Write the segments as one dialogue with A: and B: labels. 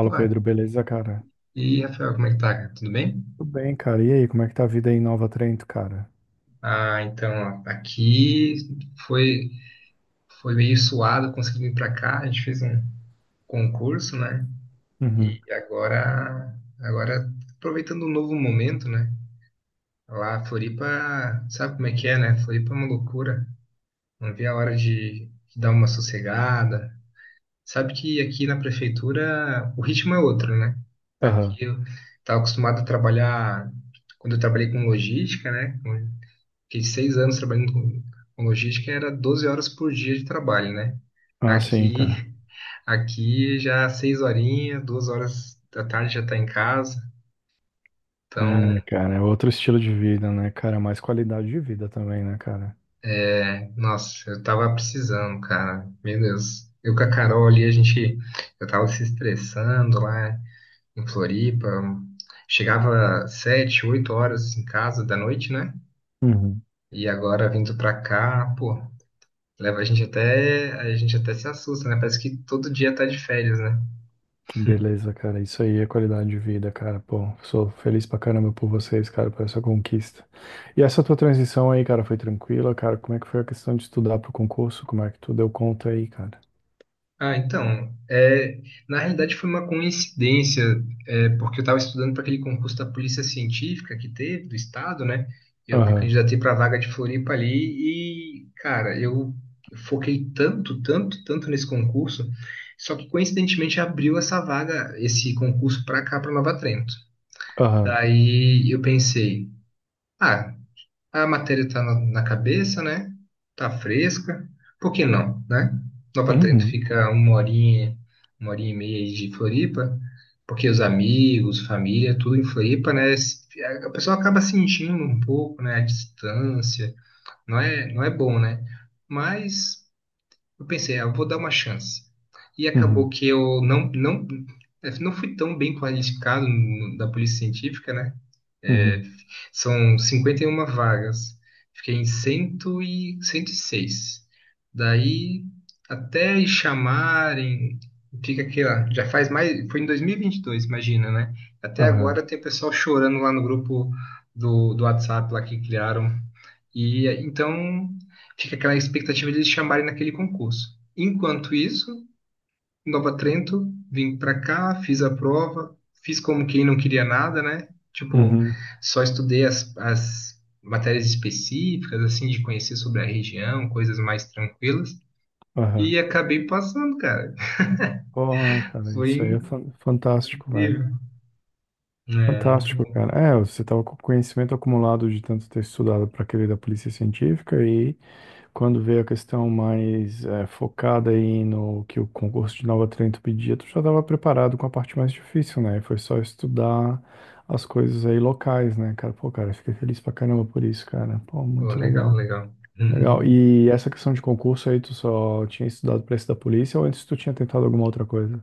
A: Pô,
B: Pedro, beleza, cara?
A: e Rafael, como é que tá, cara? Tudo bem?
B: Tudo bem, cara. E aí, como é que tá a vida aí em Nova Trento, cara?
A: Ah, então, ó, aqui foi, foi meio suado conseguir vir pra cá. A gente fez um concurso, né?
B: Uhum.
A: E agora aproveitando um novo momento, né? Lá, Floripa, sabe como é que é, né? Floripa é uma loucura. Não vi a hora de dar uma sossegada. Sabe que aqui na prefeitura o ritmo é outro, né?
B: Aham.
A: Aqui eu estava acostumado a trabalhar, quando eu trabalhei com logística, né? Fiquei 6 anos trabalhando com logística, e era 12 horas por dia de trabalho, né?
B: Ah, sim,
A: Aqui,
B: cara.
A: aqui já seis horinhas, 2 horas da tarde já tá em casa. Então,
B: É, cara, é outro estilo de vida, né, cara? Mais qualidade de vida também, né, cara?
A: é, nossa, eu tava precisando, cara. Meu Deus. Eu com a Carol ali, a gente, eu tava se estressando lá em Floripa. Chegava sete, oito horas em casa da noite, né?
B: Uhum.
A: E agora vindo pra cá, pô, leva a gente até se assusta, né? Parece que todo dia tá de férias, né?
B: Que beleza, cara. Isso aí é qualidade de vida, cara. Pô, sou feliz pra caramba por vocês, cara, por essa conquista. E essa tua transição aí, cara, foi tranquila, cara? Como é que foi a questão de estudar pro concurso? Como é que tu deu conta aí, cara?
A: Ah, então, é, na realidade foi uma coincidência, é, porque eu estava estudando para aquele concurso da Polícia Científica que teve, do Estado, né? Eu me
B: Aham,
A: candidatei para a vaga de Floripa ali e, cara, eu foquei tanto, tanto, tanto nesse concurso, só que coincidentemente abriu essa vaga, esse concurso para cá, para Nova Trento.
B: aham.
A: Daí eu pensei, ah, a matéria está na cabeça, né? Tá fresca. Por que não, né? Nova Trento
B: Uhum,
A: fica uma horinha e meia aí de Floripa, porque os amigos, família, tudo em Floripa, né? A pessoa acaba sentindo um pouco, né? A distância. Não é bom, né? Mas eu pensei, ah, eu vou dar uma chance. E acabou
B: uhum,
A: que eu não fui tão bem qualificado da polícia científica, né? É,
B: uhum,
A: são 51 vagas. Fiquei em 100 e 106. Daí, até chamarem, fica aquela. Já faz mais. Foi em 2022, imagina, né? Até
B: aham,
A: agora tem pessoal chorando lá no grupo do WhatsApp lá que criaram. E então, fica aquela expectativa de eles chamarem naquele concurso. Enquanto isso, Nova Trento, vim pra cá, fiz a prova, fiz como quem não queria nada, né? Tipo,
B: uhum,
A: só estudei as matérias específicas, assim, de conhecer sobre a região, coisas mais tranquilas,
B: aham.
A: e acabei passando, cara.
B: Porra, cara,
A: Foi
B: isso aí é fantástico, velho.
A: incrível. É, muito
B: Fantástico,
A: bom.
B: cara. É, você tava com conhecimento acumulado de tanto ter estudado para aquele da polícia científica e quando veio a questão mais focada aí no que o concurso de Nova Trento pedia, tu já estava preparado com a parte mais difícil, né? Foi só estudar as coisas aí locais, né, cara? Pô, cara, fiquei feliz pra caramba por isso, cara. Pô,
A: Pô,
B: muito
A: legal,
B: legal.
A: legal. Uhum.
B: Legal. E essa questão de concurso aí, tu só tinha estudado para esse da polícia ou antes tu tinha tentado alguma outra coisa?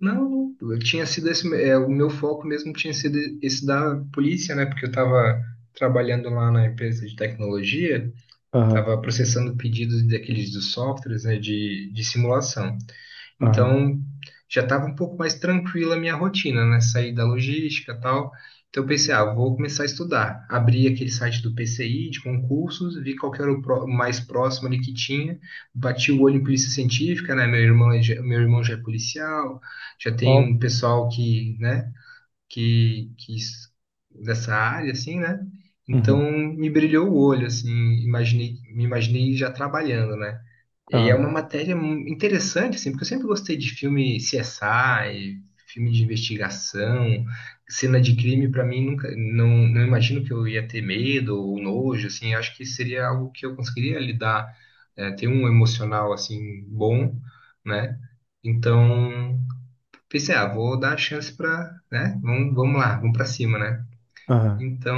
A: Não, eu tinha sido esse, é, o meu foco mesmo tinha sido esse da polícia, né? Porque eu tava trabalhando lá na empresa de tecnologia,
B: Aham,
A: estava processando pedidos daqueles dos softwares, né, de simulação.
B: aham.
A: Então, já estava um pouco mais tranquila a minha rotina, né, sair da logística e tal. Então, eu pensei, ah, vou começar a estudar. Abri aquele site do PCI, de concursos, vi qual que era o o mais próximo ali que tinha, bati o olho em polícia científica, né, meu irmão, é meu irmão já é policial, já tem
B: Qual?
A: um pessoal que, né, que, que s- dessa área, assim, né? Então
B: Uhum.
A: me brilhou o olho, assim, imaginei, me imaginei já trabalhando, né? E é
B: Aham.
A: uma matéria interessante, assim, porque eu sempre gostei de filme CSI, filme de investigação, cena de crime, para mim nunca, não imagino que eu ia ter medo ou nojo, assim, acho que seria algo que eu conseguiria lidar, ter um emocional assim bom, né? Então pensei, ah, vou dar a chance pra, né? Vamos, vamos lá, vamos pra cima, né?
B: Aham.
A: Então,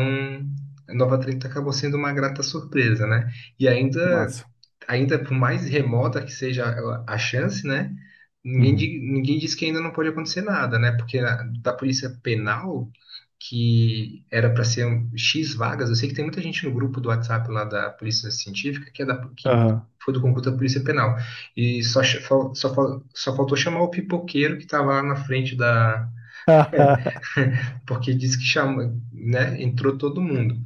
A: a Nova 30 acabou sendo uma grata surpresa, né? E
B: Que
A: ainda,
B: massa.
A: ainda por mais remota que seja a chance, né? Ninguém,
B: Uhum.
A: ninguém diz que ainda não pode acontecer nada, né? Porque da Polícia Penal, que era para ser X vagas, eu sei que tem muita gente no grupo do WhatsApp lá da Polícia Científica que
B: Aham.
A: foi do concurso da Polícia Penal. E só, só faltou chamar o pipoqueiro que estava lá na frente da porque diz que chama, né, entrou todo mundo.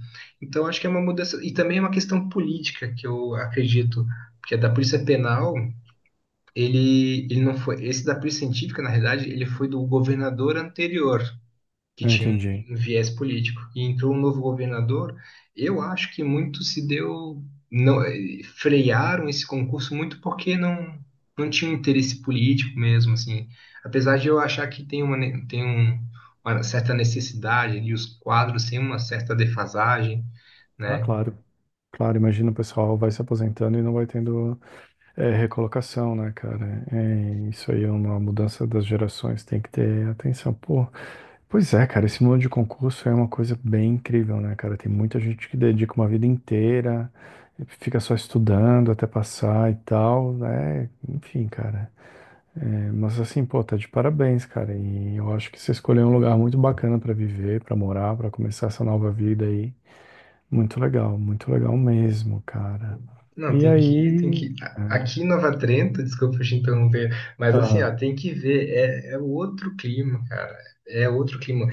A: Então acho que é uma mudança e também é uma questão política que eu acredito, porque é da Polícia Penal, ele não foi, esse da Polícia Científica, na realidade, ele foi do governador anterior que
B: Eu
A: tinha
B: entendi.
A: um viés político. E entrou um novo governador, eu acho que muito se deu, não, eh, frearam esse concurso muito porque não, não tinha um interesse político mesmo, assim. Apesar de eu achar que tem uma, uma certa necessidade e os quadros têm uma certa defasagem,
B: Ah,
A: né?
B: claro. Claro, imagina o pessoal vai se aposentando e não vai tendo recolocação, né, cara? É, isso aí é uma mudança das gerações, tem que ter atenção. Pô, pois é, cara, esse mundo de concurso é uma coisa bem incrível, né, cara? Tem muita gente que dedica uma vida inteira, fica só estudando até passar e tal, né? Enfim, cara. É, mas assim, pô, tá de parabéns, cara. E eu acho que você escolheu um lugar muito bacana pra viver, pra morar, pra começar essa nova vida aí. Muito legal mesmo, cara.
A: Não,
B: E aí. É,
A: aqui em Nova Trento, desculpa te interromper, mas assim, ó,
B: aham.
A: tem que ver, é outro clima, cara, é outro clima.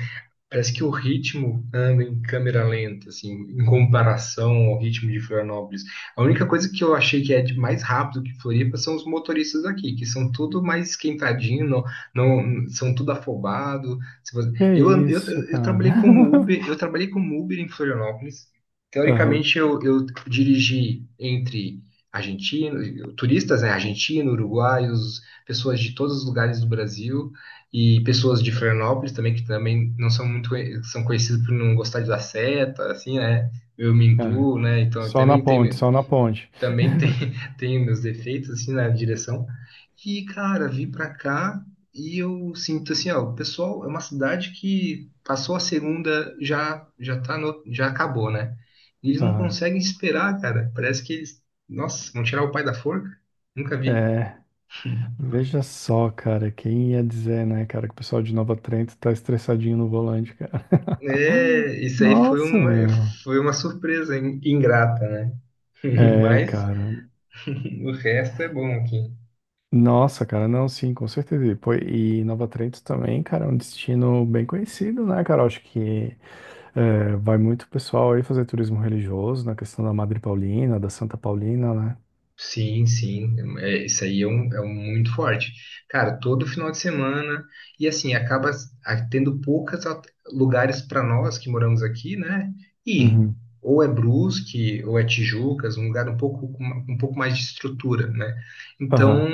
A: Parece que o ritmo anda em câmera lenta, assim, em comparação ao ritmo de Florianópolis. A única coisa que eu achei que é de mais rápido que Floripa são os motoristas aqui, que são tudo mais esquentadinho, são tudo afobado. Se você-
B: Que
A: Eu, an-
B: isso,
A: eu
B: cara.
A: trabalhei como Uber, eu trabalhei como Uber em Florianópolis.
B: Aham,
A: Teoricamente, eu dirigi entre argentinos, turistas, né, argentinos, uruguaios, pessoas de todos os lugares do Brasil. E pessoas de Florianópolis também, que também não são muito, são conhecidas por não gostar de dar seta, assim, né? Eu me
B: é.
A: incluo, né? Então, eu
B: Só na
A: também
B: ponte,
A: tenho,
B: só na ponte.
A: também tem, tenho meus defeitos, assim, na direção. E, cara, vim pra cá e eu sinto, assim, ó, o pessoal, é uma cidade que passou a segunda, já, já tá no, já acabou, né? E eles não
B: Aham.
A: conseguem esperar, cara. Parece que eles, nossa, vão tirar o pai da forca. Nunca vi.
B: É, veja só, cara, quem ia dizer, né, cara, que o pessoal de Nova Trento tá estressadinho no volante, cara.
A: É, isso aí
B: Nossa, meu.
A: foi uma surpresa ingrata, né?
B: É,
A: Mas
B: cara.
A: o resto é bom aqui.
B: Nossa, cara, não, sim, com certeza. E pô, e Nova Trento também, cara, é um destino bem conhecido, né, cara? Eu acho que vai muito pessoal aí fazer turismo religioso, na questão da Madre Paulina, da Santa Paulina, né?
A: Sim, sim, é, isso aí é, é um muito forte. Cara, todo final de semana, e assim, tendo poucos lugares para nós que moramos aqui, né? E
B: Uhum.
A: ou é Brusque, ou é Tijucas, um lugar um pouco, um pouco mais de estrutura, né? Então,
B: Aham,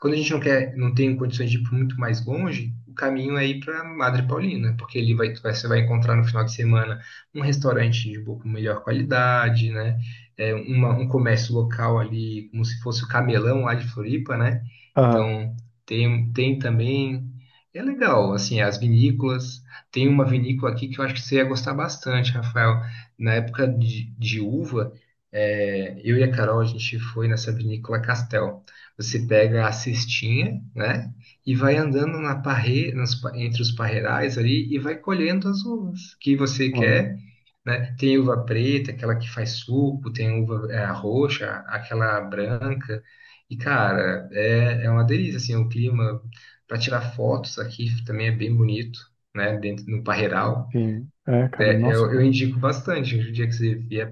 A: quando a gente não quer, não tem condições de ir muito mais longe, o caminho é ir para Madre Paulina, porque ali você vai encontrar no final de semana um restaurante de um pouco melhor qualidade, né? É, um comércio local ali, como se fosse o Camelão lá de Floripa, né?
B: aham,
A: Então, tem, tem também. É legal, assim, as vinícolas. Tem uma vinícola aqui que eu acho que você ia gostar bastante, Rafael. Na época de uva, é, eu e a Carol, a gente foi nessa vinícola Castel. Você pega a cestinha, né? E vai andando na parre, nas pa- entre os parreirais ali e vai colhendo as uvas que você
B: aham,
A: quer, né? Tem uva preta, aquela que faz suco, tem uva é, roxa, aquela branca. E, cara, é uma delícia, assim, o clima para tirar fotos aqui também é bem bonito, né? Dentro no Parreiral.
B: sim.
A: É, eu indico bastante o dia que você vier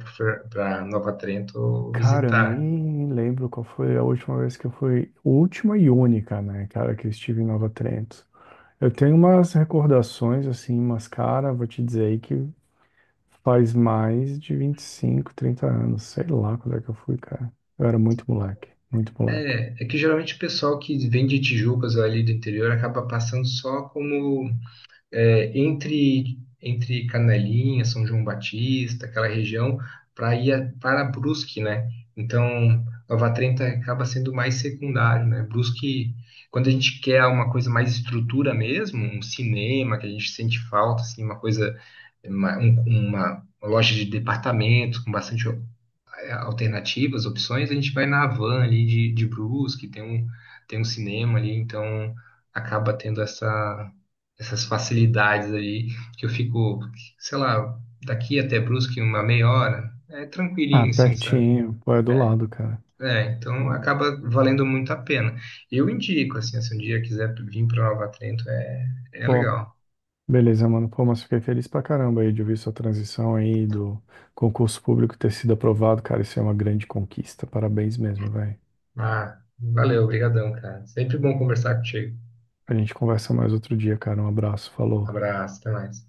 A: para Nova Trento
B: Cara, eu
A: visitar.
B: nem lembro qual foi a última vez que eu fui, última e única, né, cara, que eu estive em Nova Trento. Eu tenho umas recordações, assim, mas, cara, vou te dizer aí que faz mais de 25, 30 anos. Sei lá quando é que eu fui, cara. Eu era muito moleque, muito moleque.
A: É, é que geralmente o pessoal que vem de Tijucas ou ali do interior acaba passando só como é, entre Canelinha, São João Batista, aquela região, para Brusque, né? Então, Nova Trenta acaba sendo mais secundário, né? Brusque, quando a gente quer uma coisa mais estrutura mesmo, um cinema que a gente sente falta, assim, uma coisa, uma, um- uma loja de departamentos com bastante alternativas, opções, a gente vai na van ali de Brusque, tem tem um cinema ali, então acaba tendo essa, essas facilidades ali, que eu fico, sei lá, daqui até Brusque uma meia hora, é
B: Ah,
A: tranquilinho assim, sabe?
B: pertinho. Pô, é do lado, cara.
A: É, então
B: Hum.
A: acaba valendo muito a pena. Eu indico, assim, se um dia quiser vir para Nova Trento, é, é
B: Pô,
A: legal.
B: beleza, mano. Pô, mas fiquei feliz pra caramba aí de ouvir sua transição aí do concurso público ter sido aprovado, cara. Isso é uma grande conquista. Parabéns mesmo, velho.
A: Ah, valeu, obrigadão, cara. Sempre bom conversar contigo.
B: A gente conversa mais outro dia, cara. Um abraço. Falou.
A: Abraço, até mais.